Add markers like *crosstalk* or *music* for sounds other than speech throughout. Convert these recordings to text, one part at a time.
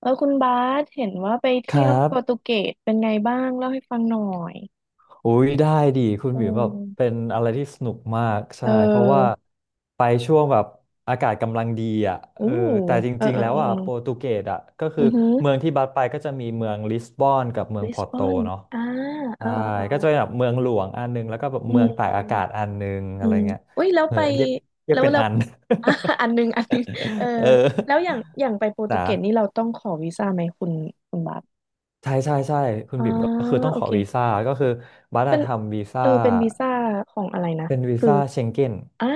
เออคุณบาสเห็นว่าไปคเที่ยรัวโปรตุบเกสเป็นไงบ้างเล่าให้ฟังหน่อยอุ้ยได้ดีคุณอืหมิวแบบเป็มนอะไรที่สนุกมากเใช่เพราะว่าออไปช่วงแบบอากาศกำลังดีอ่ะเออู้อแต่จเออริงเอๆอแล้วเอออ่ะโปรตุเกสอ่ะก็คือืออหือเมืองที่บัสไปก็จะมีเมืองลิสบอนกับเมืองลิพสอร์บโตอนเนาะอ่าเอใช่อเออเอก็อจะเป็นแบบเมืองหลวงอันนึงแล้วก็แบบอืเมืองตากอากาศมอันนึงอือะไรมเงี้ยอุ้ยแล้วเออไปเรียกเรียแล้กวเป็นแล้ว อัน *laughs* อ่ะอันหนึงอันหนึงเออ *laughs* เอแล้วอย่าองอย่างไปโปรตุนะเกสนี่เราต้องขอวีซ่าไหมคุณคุณบาสใช่ใช่ใช่คุณอ่าบิ่มก็คือต้องโอขอเค วีซ่าก็คือบัตรเป็นทำวีซ่า เออเป็นวีซ่าของอะไรนะเป็นวีคือซ่าเชงเก้นอ่า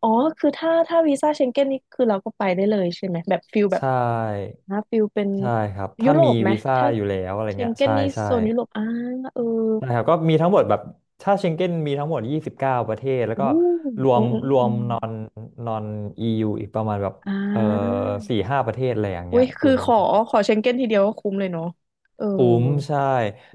อ๋อคือถ้าวีซ่าเชงเก้นนี่คือเราก็ไปได้เลยใช่ไหมแบบฟิลแบใชบ่นะฟิลเป็นใช่ครับยุถ้าโรมีปไหมวีซ่าถ้าอยู่แล้วอะไรเชงเงี้ยเก้นใช่นี่ใช่โซนยุโรปอ่าเออนะครับก็มีทั้งหมดแบบถ้าเชงเก้นมีทั้งหมด29ประเทศแล้วอู้ก็รวอืมมอืมรวอืมมนอนนอนอีอีกประมาณแบบอ่เอ่อา4-5 ประเทศอะไรอย่างอุ้เงี้ยยคุคือณ ขอขอเชงเก้นทีเดียวก็คุ้มเลยเนาะเออคุ้มใช่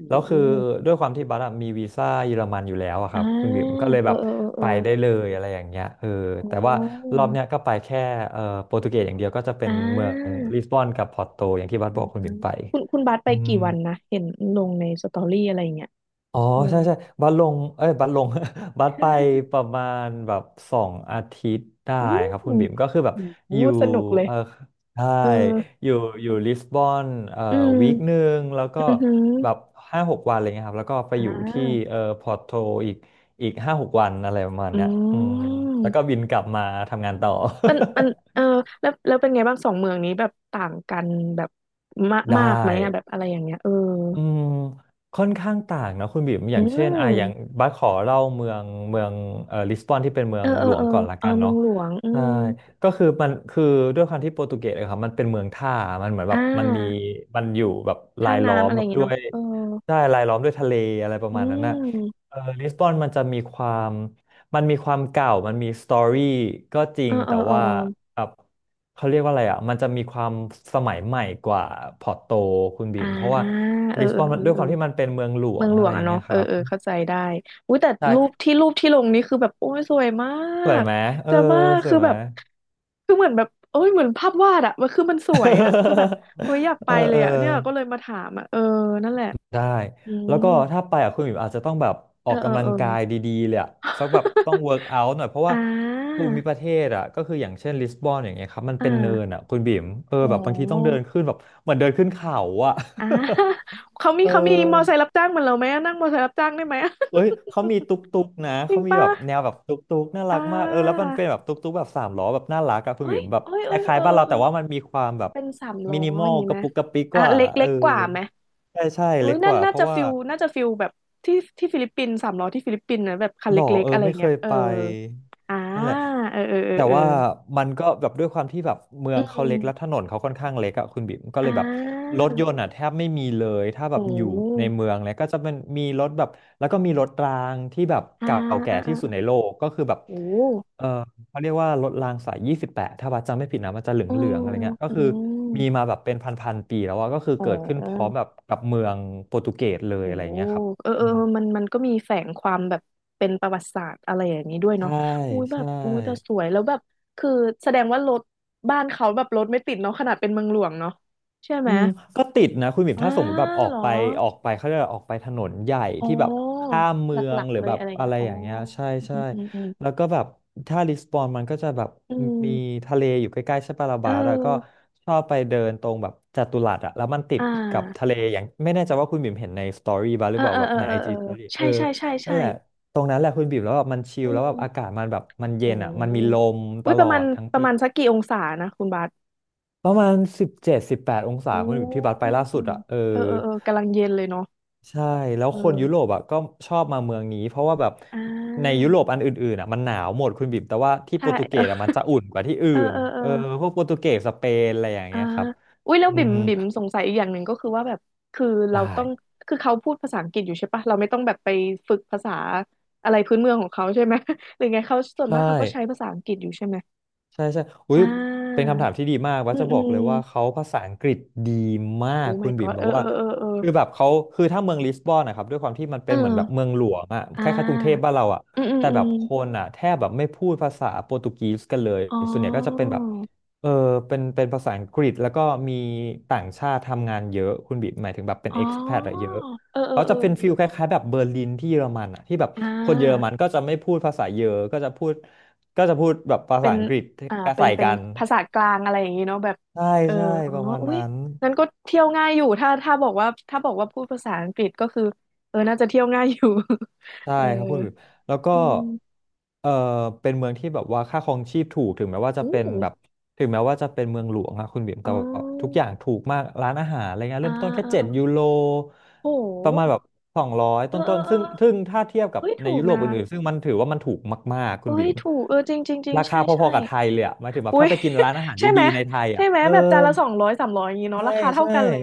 อืแล้วคือมด้วยความที่บัสอะมีวีซ่าเยอรมันอยู่แล้วอะคอ่ารับคุณบิ๋มก็เลยเอแบอบเออเออเอไปอได้เลยอะไรอย่างเงี้ยเอออ๋แต่ว่าอรอบเนี้ยก็ไปแค่โปรตุเกสอย่างเดียวก็จะเป็อ่นเมืองลิสา บอนกับพอร์โตอย่างที่บัสอ่าบอกคุณบิ๋มไปคุณคุณบัสไปอืม กี่วันนะเห็นลงในสตอรี่อะไรอย่างเงี้ยอ๋อเออใช่ใช่บัสลงเอ้ยบัสลง *laughs* บัสไปประมาณแบบ2 อาทิตย์ได้อู้ครับคุหูณบิ่มก็คือแบบหูอยู่สนุกเลยเออใช่เอออยู่อยู่ลิสบอนเอ่ออืม1 วีคแล้วก็อือหือแบบห้าหกวันอะไรเงี้ยครับแล้วก็ไปอ่อยู่ที่าพอร์โตอีกอีกห้าหกวันอะไรประมาณอืเนี้ยอืมแล้วก็มบินกลับมาทำงานต่อ มันมันเออ *laughs* แล้วแล้วเป็นไงบ้างสองเมืองนี้แบบต่างกันแบบมากได้ มากไหมอะแบบอะไรอย่างเงี้ยเอออืมค่อนข้างต่างนะคุณบิ่มออืย่างเช่นอ่ะอย่างมบัสขอเล่าเมืองลิสบอนที่เป็นเมือเอองเอหอลวเองอก่อนละเออกันเมือเนาะงหลวงอืใช่มก็คือมันคือด้วยความที่โปรตุเกสอะครับมันเป็นเมืองท่ามันเหมือนแบอ่บมันมีามันอยู่แบบท่ารายล้อน้ำมอะไรอแบย่าบงเงี้ยด้วเนาะยเออใช่รายล้อมด้วยทะเลอะไรประอืมาณนั้นนะมเออลิสบอนมันมีความเก่ามันมีสตอรี่ก็จริเองอเอแต่อเออว่า เขาเรียกว่าอะไรอ่ะมันจะมีความสมัยใหม่กว่าพอร์โตคุณบิอ่ามเพราะว่าเออลิสเอบออนเอมันอด้วยเอคอ วามที่มันเป็นเมืองหลวเมืองงหลอะวไรงออะย่างเนาะเงี้ยเอคอรับเออเข้าใจได้อุ้ยแต่ใช่รูปที่ลงนี่คือแบบโอ้ยสวยมาสวยกไหมเออจะมากสวคืยอไหม แบบคือเหมือนแบบโอ้ยเหมือนภาพวาดอะมันคือมันสวยอะคือแบบโอ้ยอยาก *laughs* ไปเออเลเอยออะเนี่ยก็เลยมาถามอะเออนั่นแหละได้อืแล้มวก็ถ้าไปอ่ะคุณบิมอาจจะต้องแบบอเอออกเออกำลัเองอ กายดีๆเลยอ่ะสักแบบต้อง *laughs* เวิร์กเอาท์หน่อยเพราะอ่ว่าภูามิประเทศอ่ะก็คืออย่างเช่นลิสบอนอย่างเงี้ยครับมันอ่เป็นเนินาอ่ะคุณบิมเออโอ้แบบบางทีต้องเดินขึ้นแบบเหมือนเดินขึ้นเขาอ่ะ อ่า *laughs* เขา *laughs* มีเออ เขามีมอไซค์รับจ้างเหมือนเราไหมอะนั่งมอไซค์รับจ้างได้ไหมอะ เอ้ย เขามีตุ๊กตุ๊กนะ *laughs* จริเขางมีป่ะแบบแนวแบบตุ๊กตุ๊กน่าอ่รักมากเออแล้วามันเป็นแบบตุ๊กตุ๊กแบบสามล้อแบบน่ารักอะคุณโอ้บิ๋ยมแบบโอ้ยคโอ้ยล้าเอยอๆบ้านเราเออ แต่ว่ามันมีความแบบเป็นสามล้มิอนิมออลย่างงี้กไหมระปุกกระปิกอ่ะกว่าเล็กเอเล็อกกว่าไหมใช่ใช่เอ้เล็ยกกน่าว่าน่าเพราะจะว่า ฟิลน่าจะฟิลแบบที่ฟิลิปปินส์สามล้อที่ฟิลิปปินส์นะแบบคันหรอเล็กเอๆออะไรไม่เคเงี้ยยเออไปอ่านั่นแหละเออเออเออแต่เออว่ามันก็แบบด้วยความที่แบบเมือืองเขาเล็มกแล้วถนนเขาค่อนข้างเล็กอะคุณบิ๊มก็เลอ่ยแบบารถยนต์อะแทบไม่มีเลยถ้าแบบโอ้อยู่ในเมืองเลยก็จะเป็นมีรถแบบแล้วก็มีรถรางที่แบบอ่าเก่าแก่อ่าที่สุดอ่าในโลกก็คือแบบโอ้เออเขาเรียกว่ารถรางสาย 28ถ้าบัดจำไม่ผิดนะมันจะเหลอืืองมๆอะไรเงี้ยก็อืคือมีมมาแบบเป็นพันๆปีแล้วอะก็คืออ๋เกิดขึ้นพร้อมอ แบบกับเมืองโปรตุเกสเลยโอ้อะไรเงี้ยครับเออเออือมเออมันมันก็มีแฝงความแบบเป็นประวัติศาสตร์อะไรอย่างนี้ด้วยใช่เนาะอุ้ยแบบ ใช่ อุ้ยแต่สวย แล้วแบบ คือแสดงว่ารถบ้านเขาแบบรถไม่ติดเนาะขนาดเป็นเมืองหลวงเนาะใช่ไหมอืมก็ติดนะคุณหมิมอ้าถ้าสมมติแบบออเหกรอไปออกไปเขาจะออกไปถนนใหญ่อ๋อที่แบบข้ามหเมือลังกหรืๆอเลแบยบอะไรอย่างอะเงี้ยไรอ๋ออย่างเงี้ยใช่ใช่อืมอืมอืมแล้วก็แบบถ้าลิสบอนมันก็จะแบบอืมมีทะเลอยู่ใกล้ๆใช่ปะลาเอบาร์อะก็อชอบไปเดินตรงแบบจัตุรัสอะแล้วมันติอ่ดกับทะาเลอย่างไม่แน่ใจว่าคุณบิ่มเห็นในสตอรี่บ้างหเอรืออเปล่าเออแบบเออในเอไออเอจีอสตอรี่ใช่เออใช่ใช่นั่ใช่นแหละตรงนั้นแหละคุณบิ่มแล้วแบบมันชิอืลแล้วแบมบอากาศมันแบบมันเย็โอ้นอะมันมีลมตอุ้ยปลอระมาณดทั้งประปี มาณสักกี่องศานะคุณบาส ประมาณ17-18 องศาอืคุณที่บัสไปล่ามสุดอ่ะเออเออเออเออกำลังเย็นเลยเนาะใช่แล้วเอคนยุโรปออ่ะก็ชอบมาเมืองนี้เพราะว่าแบบอ่ในายุโรปอันอื่นๆอ่ะมันหนาวหมดคุณบิ่มแต่ว่าที่ใช่โปรตุเกสอ่ะมันจะอุ่นกว่าที่อื่เออนเออเอเอออเออพวกโปรตุเกสสเปนอะไรอย่างอ่าเงี้ยครับอุ้ยแล้วอืบิ่มมบิ่มสงสัยอีกอย่างหนึ่งก็คือว่าแบบคือเราใช่ต้องคือเขาพูดภาษาอังกฤษอยู่ใช่ปะเราไม่ต้องแบบไปฝึกภาษาอะไรพื้นเมืองของเขาใช่ไหม *laughs* หรือไงเขาส่วนใช่ มากเขาก็ใช้ภาษาอังกฤษอยู่ใช่ไหมใช่ใช่อุ้อ่ยเป็นาคำถามที่ดีมากอืว่ามจะอืบอกมเลยว่าเขาภาษาอังกฤษดีมาโอ้ กคุ my ณบิ่ม god แบเอบอว่าเออเออเออคือแบบเขาคือถ้าเมืองลิสบอนนะครับด้วยความที่มันเอเป็อนเหมือนแบบเมืองหลวงอะอ่คล้ายๆกรุงเทพาบ้านเราอะอืมอืมแต่อืแบมบคนอะแทบแบบไม่พูดภาษาโปรตุเกสกันเลยอ๋อส่วนใหญ่ก็จะเป็นแบบเออเป็นภาษาอังกฤษแล้วก็มีต่างชาติทำงานเยอะคุณบิ่มหมายถึงแบบเป็นอ๋เอ็กซ์แพออะเยอะเออเออเขาเอจะอเป็นฟิลคล้ายๆแบบเบอร์ลินที่เยอรมันอะที่แบบอ่คนเยอรมันา ก็จะไม่พูดภาษาเยอรก็จะพูด ก็จะพูดแบบภาเป็ษานอังกฤษอ่าเป็นใส่เป็นกันภาษากลางอะไรอย่างนี้เนาะแบบใช่เออใช่อ๋อประมาณอุ้ยนั้นนั้นก็เที่ยวง่ายอยู่ ถ้าบอกว่าถ้าบอกว่าพูดภาษาอังกฤษก็คือเออน่าจะเที่ยวง่ายอยู่ *laughs* ใช่เออครับพูดอยู่แล้วก็อืมเออเป็นเมืองที่แบบว่าค่าครองชีพถูกถึงแม้ว่าจะอู้เป็นแบบถึงแม้ว่าจะเป็นเมืองหลวงอะคุณบิ่มอ๋แต่อว่าแบบทุกอย่างถูกมากร้านอาหารอะไรเงี้ยอ่าเริ่มต้นแค่อ่าเจ็ดยูอ่าโรโประมาณหแบบสองร้อยเออเอต้อนๆเออซึ่งถ้าเทียบกับเฮ้ยในถูกยุโรนะปอื่นๆซึ่งมันถือว่ามันถูกมากๆคุณเอ้บิ่ยมถูกเออจริงจริงจริงราคาใช่พอใช่ๆกับไทยเลยอะหมายถึงแบบอุ้ถ้าย ไปกินร้านอาหาร *laughs* ใช่ไหดีมๆในไทยใช่อะไหมเออ แบบจานละสองร้อยสามร้อยอย่างนี้เนาะใช่ราคาเท่าใช่กันเลย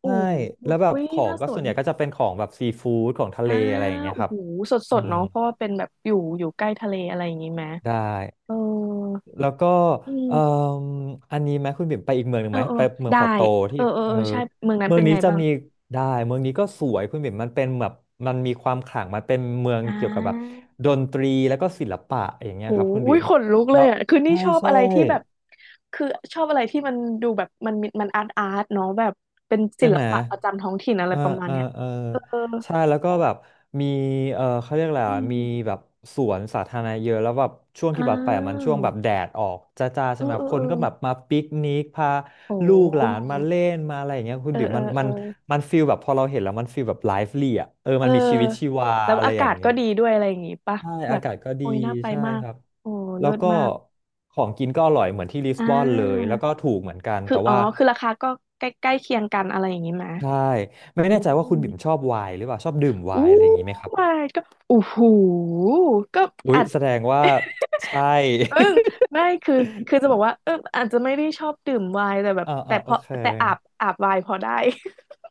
โอ้ใช่โหแล้วแบบเฮ้ยของน่าก็สส่วน นใหญ่ก็จะเป็นของแบบซีฟู้ดของทะเลอ่าอะไรอย่างเงี้ยโอ้ครับโหสดสอืดมเนาะเพราะว่าเป็นแบบอยู่อยู่ใกล้ทะเลอะไรอย่างงี้ไหมได้เออแล้วก็อืเอ่มมอันนี้ไหมคุณบิ่มไปอีกเมืองหนึ่เองอไหมเออไปเมืองได้พอร์โตเอที่อเออเอเอออใช่เมืองนั้นเมือเป็งนนี้ไงจะบ้างมีได้เมืองนี้ก็สวยคุณบิ่มมันเป็นแบบมันมีความขลังมันเป็นเมืองอ่เกี่ยวกับแบบาดนตรีแล้วก็ศิลปะอย่างเงี้ยโอ้ครับคุณอุ้บิ่ยมขนลุกเลแล้ยวอ่ะคือนี่ใช่ชอบใช่ อะไรที่แบบคือชอบอะไรที่มันดูแบบมันมีมันอาร์ตอาร์ตเนาะแบบเป็นศิใช่ลไหมปะประจำท้องถิ่นอะไรเออประมาณเออเนี้ยเออเออใช่แล้วก็แบบมีเออเขาเรียกอะไรอือะมมีแบบสวนสาธารณะเยอะแล้วแบบช่วงอ้าที่แบบไปอะมันช่ววงแบบแดดออกจ้าๆเอใช่อไหมเออคเอนก็อแบบมาปิกนิกพาโอ้ลูกหลานมาเล่นมาอะไรอย่างเงี้ยคุณเออบิ๋มเออมันเอมัอ นมันฟีลแบบพอเราเห็นแล้วมันฟีลแบบไลฟ์ลี่อ่ะเออเออมันมีชีวิตชีวาแล้วอะไรอาอกาย่างศเงี้ก็ยดีด้วยอะไรอย่างงี้ปะใช่แบอาบกาศก็ดีโอ้ยน่าไปใช่มากครับโอ้แล้เลิวศก็มากของกินก็อร่อย เหมือนที่ลิสอ่บอนเลยาแล้วก็ถูกเหมือนกันคือแต่อ๋อว่า คือราคาก็ใกล้ใกล้เคียงกันอะไรอย่างงี้ไหมใช่ไม่อืแน่ใจว่าคุณบิ่มชมอบไวน์หรือเปล่าชอบดื่มไวอู้ น์อะไรอย่างนี้ไหมครับ my god โอ้โหก็อุ๊อายจแสดงว่าใช่ เออไม่คือคือจะบอกว่าเอออาจจะไม่ได้ชอบดื่มไวน์แต่แบ *laughs* บอ่าแต่อ่าพโออเคแต่อาบไวน์พอได้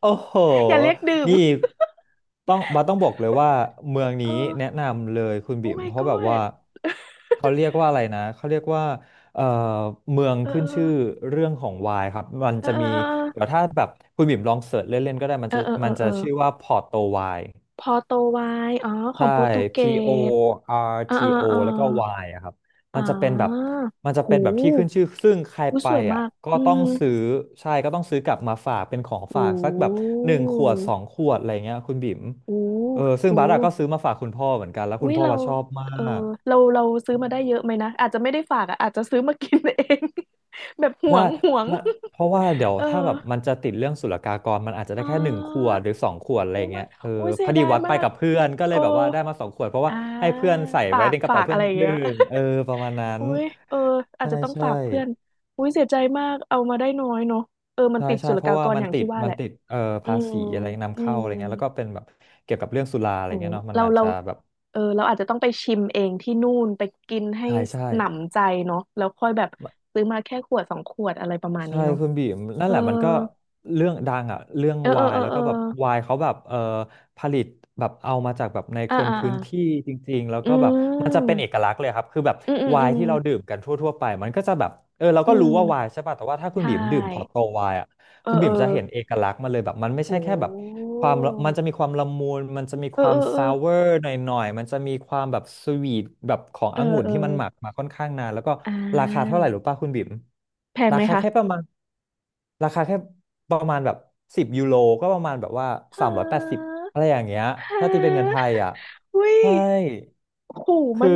โอ้โห อย่าเรียกดื่ม นี่ต้องบอกเลยว่าเมือง *laughs* นี้เออแนะนำเลยคุณโอ้ บิ่ม my เพราะแบบว่า god เขาเรียกว่าอะไรนะเขาเรียกว่าเอ่อเมืองเออขึ้เอนอชื่อเรื่องของไวน์ครับมันเออจะเอมีเดี๋ยอวถ้าแบบคุณบิ่มลองเสิร์ชเล่นๆก็ได้มัเอนอจะเออเอมัอนเอจะอ ชื่อว่าพอร์โตไวน์ พอโตไวอ๋อ ของใช่ โปรตุเก P O ส R อ่า T อ่า O อ่าแล้วก็ Y อะครับอ๋มันจะเป็นแบบอมันจะเป็หูนแบบที่ขึ้นชื่อซึ่งใครอู้ไปสวยมาอ่ะ กก็อืต้องมซื้อ ใช่ก็ต้องซื้อกลับมาฝากเป็นของหฝากสักแบบูหนึ่งขวดสองขวดอะไรเงี้ยคุณบิ๋มหูเออซึ่งหูบาร์ดอะก็ซื้อมาฝากคุณพ่อเหมือนกัน แล้วอุ้คุณยพ่อเราว่าชอบมาเออกเรา เราซื้อมาได้เยอะไหมนะอาจจะไม่ได้ฝากอ่ะอาจจะซื้อมากินเอง *laughs* แบบหวได้งห่วง มันเพราะว่าเดี๋ย *laughs* วเออถ้าแบบมันจะติดเรื่องศุลกากรมันอาจจะได้อ่แค่หนึ่งขวาดหรือสองขวดอะไรโอ้ไม่เงี้ยเออโอ้ยพเสียอดีดายวัดไปมากกับเพื่อนก็เลโอ้ยแบบว่าได้มาสองขวดเพราะว่าอ่าให้เพื่อนใส่ฝาไว้กในกระฝาเป๋ากเพื่อะอไรนอย่างเงี้ดื่ย มเออประมาณนั้น อุ้ยเอออาจใช่จะต้องใช่ฝากเพื่อนอุ้ยเสียใจมากเอามาได้น้อยเนาะเออมันใช่ติดใช่ศุลเพการาะกว่ารมัอนย่างติที่ดว่าแหมันละติดอืภามษีอะไรนำอืเข้ามอะไรเงี้ยแล้วก็เป็นแบบเกี่ยวกับเรื่องสุราอะไรโอ้เงี้ยเนาะมันเราอาจเราจะแบบเออเราอาจจะต้องไปชิมเองที่นู่นไปกินให้ใช่ใช่หนำใจเนาะแล้วค่อยแบบซื้อมาแค่ขวดสองขวดอะไรประมาณใช่นี้เนาะคุณบีมนั่นเออแหละมันก็เรื่องดังอ่ะเรื่องเออเอวาอยเออแล้วเออก็แบบวายเขาแบบผลิตแบบเอามาจากแบบในคอ่านอ่าพื้อ่านที่จริงๆแล้วอืก็แบบมันจะเป็นมเอกลักษณ์เลยครับคือแบบอืมอืมวาอืยมที่เราดื่มกันทั่วๆไปมันก็จะแบบเออเราอืก็รู้ว่าวายมใช่ป่ะแต่ว่าถ้าคุใชณบีมดื่มพอร์โต่วายอะ เออคุณเอบิ่อมจะเห็นเอกลักษณ์มาเลยแบบมันไม่โใช่แค่แบบหความมันจะมีความละมุนมันจะมีเอคอวาเอมอเออซาวเวอร์หน่อยๆมันจะมีความแบบสวีทแบบของเออองุ่นเออที่มันหมักมาค่อนข้างนานแล้วก็อ่ราคาเท่าา ไหร่หรือป่ะคุณบิ่มแพงราไหมคาคะแค่ประมาณราคาแค่ประมาณแบบ10 ยูโรก็ประมาณแบบว่าฮ380ะอะไรอย่างเงี้ยฮถ้าตีเป็นเงินไทะยอ่ะอุ้ยใช่ ขู่มัคือน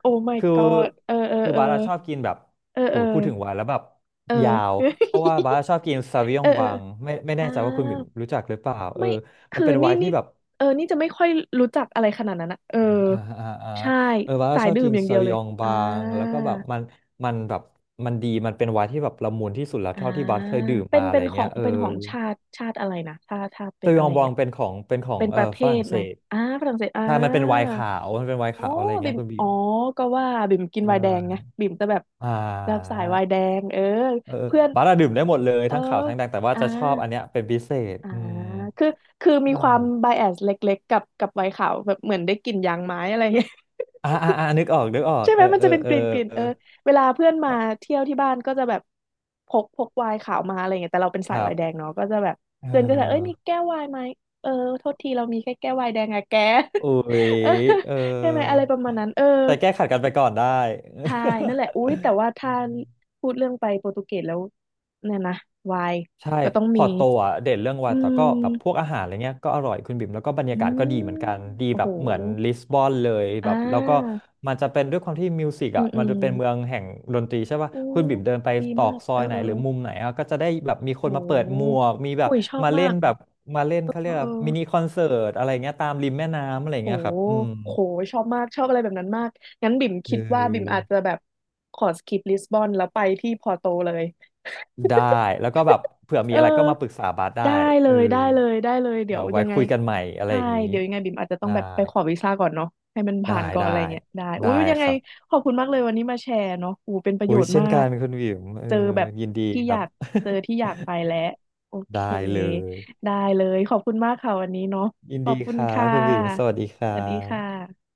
โอ้ my คือ god เออเออคือเออบาร์ชอบกินแบบเออโอ้เออ ยพูดถึงไวน์แล้วแบบ *laughs* เออ ยาวเพราะว่าบาร์ชอบกินซาวิย *laughs* อเองอเออบางไม่อ่าแน่ใจว่าคุณบิ่มรู้จักหรือเปล่าเออไม่มัคืนอเป็นไวนี่น์นี่ที่แบบเออนี่จะไม่ค่อยรู้จักอะไรขนาดนั้นอะเอออ่าอ่าอ่าใช่เออบาร์สาชยอบดื่กิมนอย่างซาเดียววิเลยยองอ่บางแล้วก็าแบบมันแบบมันดีมันเป็นไวน์ที่แบบละมุนที่สุดแล้วอ่าเท่าที่บาร์เคยดื่มเป็มานอะเป็ไรนขอเงี้งยเออเป็นของชาติชาติอะไรนะชาติชาติเป็ซานวิยอะไรองบาเงี้งยเป็นของเป็นของเป็นเอปอระเภฝรั่ทงเศไหมสอ่าฝรั่งเศสอ่า ใช่มันเป็นไวน์ขาวมันเป็นไวน์อ๋อขาวอะไรเงี้บิ่ยมคุณบิ่อ๋อมก็ว่าบิ่มกินใชไวน์แดงไง่บิ่มจะแบบอ่แบบสายไวน์แดา งเออเออเพื่อนบาร์อะดื่มได้หมดเลยเออทั้งขาวทั้งแดงแต่ว่าอ่าจะชอบอันเนี้ยเป็นพิเศษอ่าอืมคือคือมีใช่ความไบแอสเล็กๆกับไวน์ขาวแบบเหมือนได้กลิ่นยางไม้อะไรเงี้ย อ่าอ่าอ่านึกออกนึกออ *laughs* กใช่ไหเอมอมันเอจะอเป็นเอกอลิ่นกลิ่นเเอออเวลาเพื่อนมาอเที่ยวที่บ้านก็จะแบบพกไวน์ขาวมาอะไรเงี้ยแต่เราเป็นคสายรัไวบน์แดงเนาะก็จะแบบเอเพื่อนก็จะเอ้ยมีอแก้วไวน์ไหมเออโทษทีเรามีแค่แก้วไวน์แดงอะแก อุ้ย *laughs* เออเอใช่ไหมอะไรอประมาณนั้นเออ แต่แก้ขัดกันไปก่อนได้ ใช่นั่นแหละอุ๊ยแต่ว่า *laughs* ถ้าพูดเรื่องไปโปรตุเกสแล้วเนี่ยนะวายใช่ก็ต้องพมีอร์ตโตอ่ะเด่นเรื่องอืวาแต่ก็แบบพวกมอาหารอะไรเงี้ยก็อร่อยคุณบิ่มแล้วก็บรรอืยากาศก็ดีมเหมือนกันดีโอ้แบโหบเหมือนลิสบอนเลยอ่แบบแล้วก็ามันจะเป็นด้วยความที่มิวสิกอือ่ะมอืมันมจะเป็นเมืองแห่งดนตรีใช่ป่ะโอ้คุณบิ่มเดินไปดีตรอมากกซอเออยไหนเออหรืเอออมุมไหนอ่ะก็จะได้แบบมีคโอ้นมาเปิดหมวโหกมีแบบอุ้ยชอบมาเล่มานกแบบมาเล่นเอเขาเรียอกเอว่ามินิคออนเสิร์ตอะไรเงี้ยตามริมแม่น้ำอะไรโหเงี้ยครับอืมโหชอบมากชอบอะไรแบบนั้นมาก งั้นบิ่มเคิดว่าบิ่มอออาจจะแบบขอสกิปลิสบอนแล้วไปที่พอร์โตเลย ได้แล้วก็แบบเผื่อมีเอออะไรก็มาปรึกษาบาสได้ได้เลเออยได้เลยได้เลยเดี๋เดี๋ยยววไว้ยังไงคุยกันใหม่อะไรใช่อย่างนี้เดี๋ยวยังไงบิ่มอาจจะต้องได้ แบบไปขอวีซ่าก่อนเนาะให้มันได้ผ่านก่อนได้อะไรเงี้ยได้อุ้ได้ยยังคไงรับขอบคุณมากเลยวันนี้มาแชร์เนาะอูเป็นประโยอุ้ยชน์เช่มานกักนคุณวิมเออเจอแบบยินดีที่คอรัยาบ กเจอที่อยากไปแล้วโอ *laughs* เคได้เลยได้เลยขอบคุณมากค่ะวันนี้เนาะยินขอดีบคุคณรัค่บคุณวิมสวัสะดีครัสวัสดีค่บะ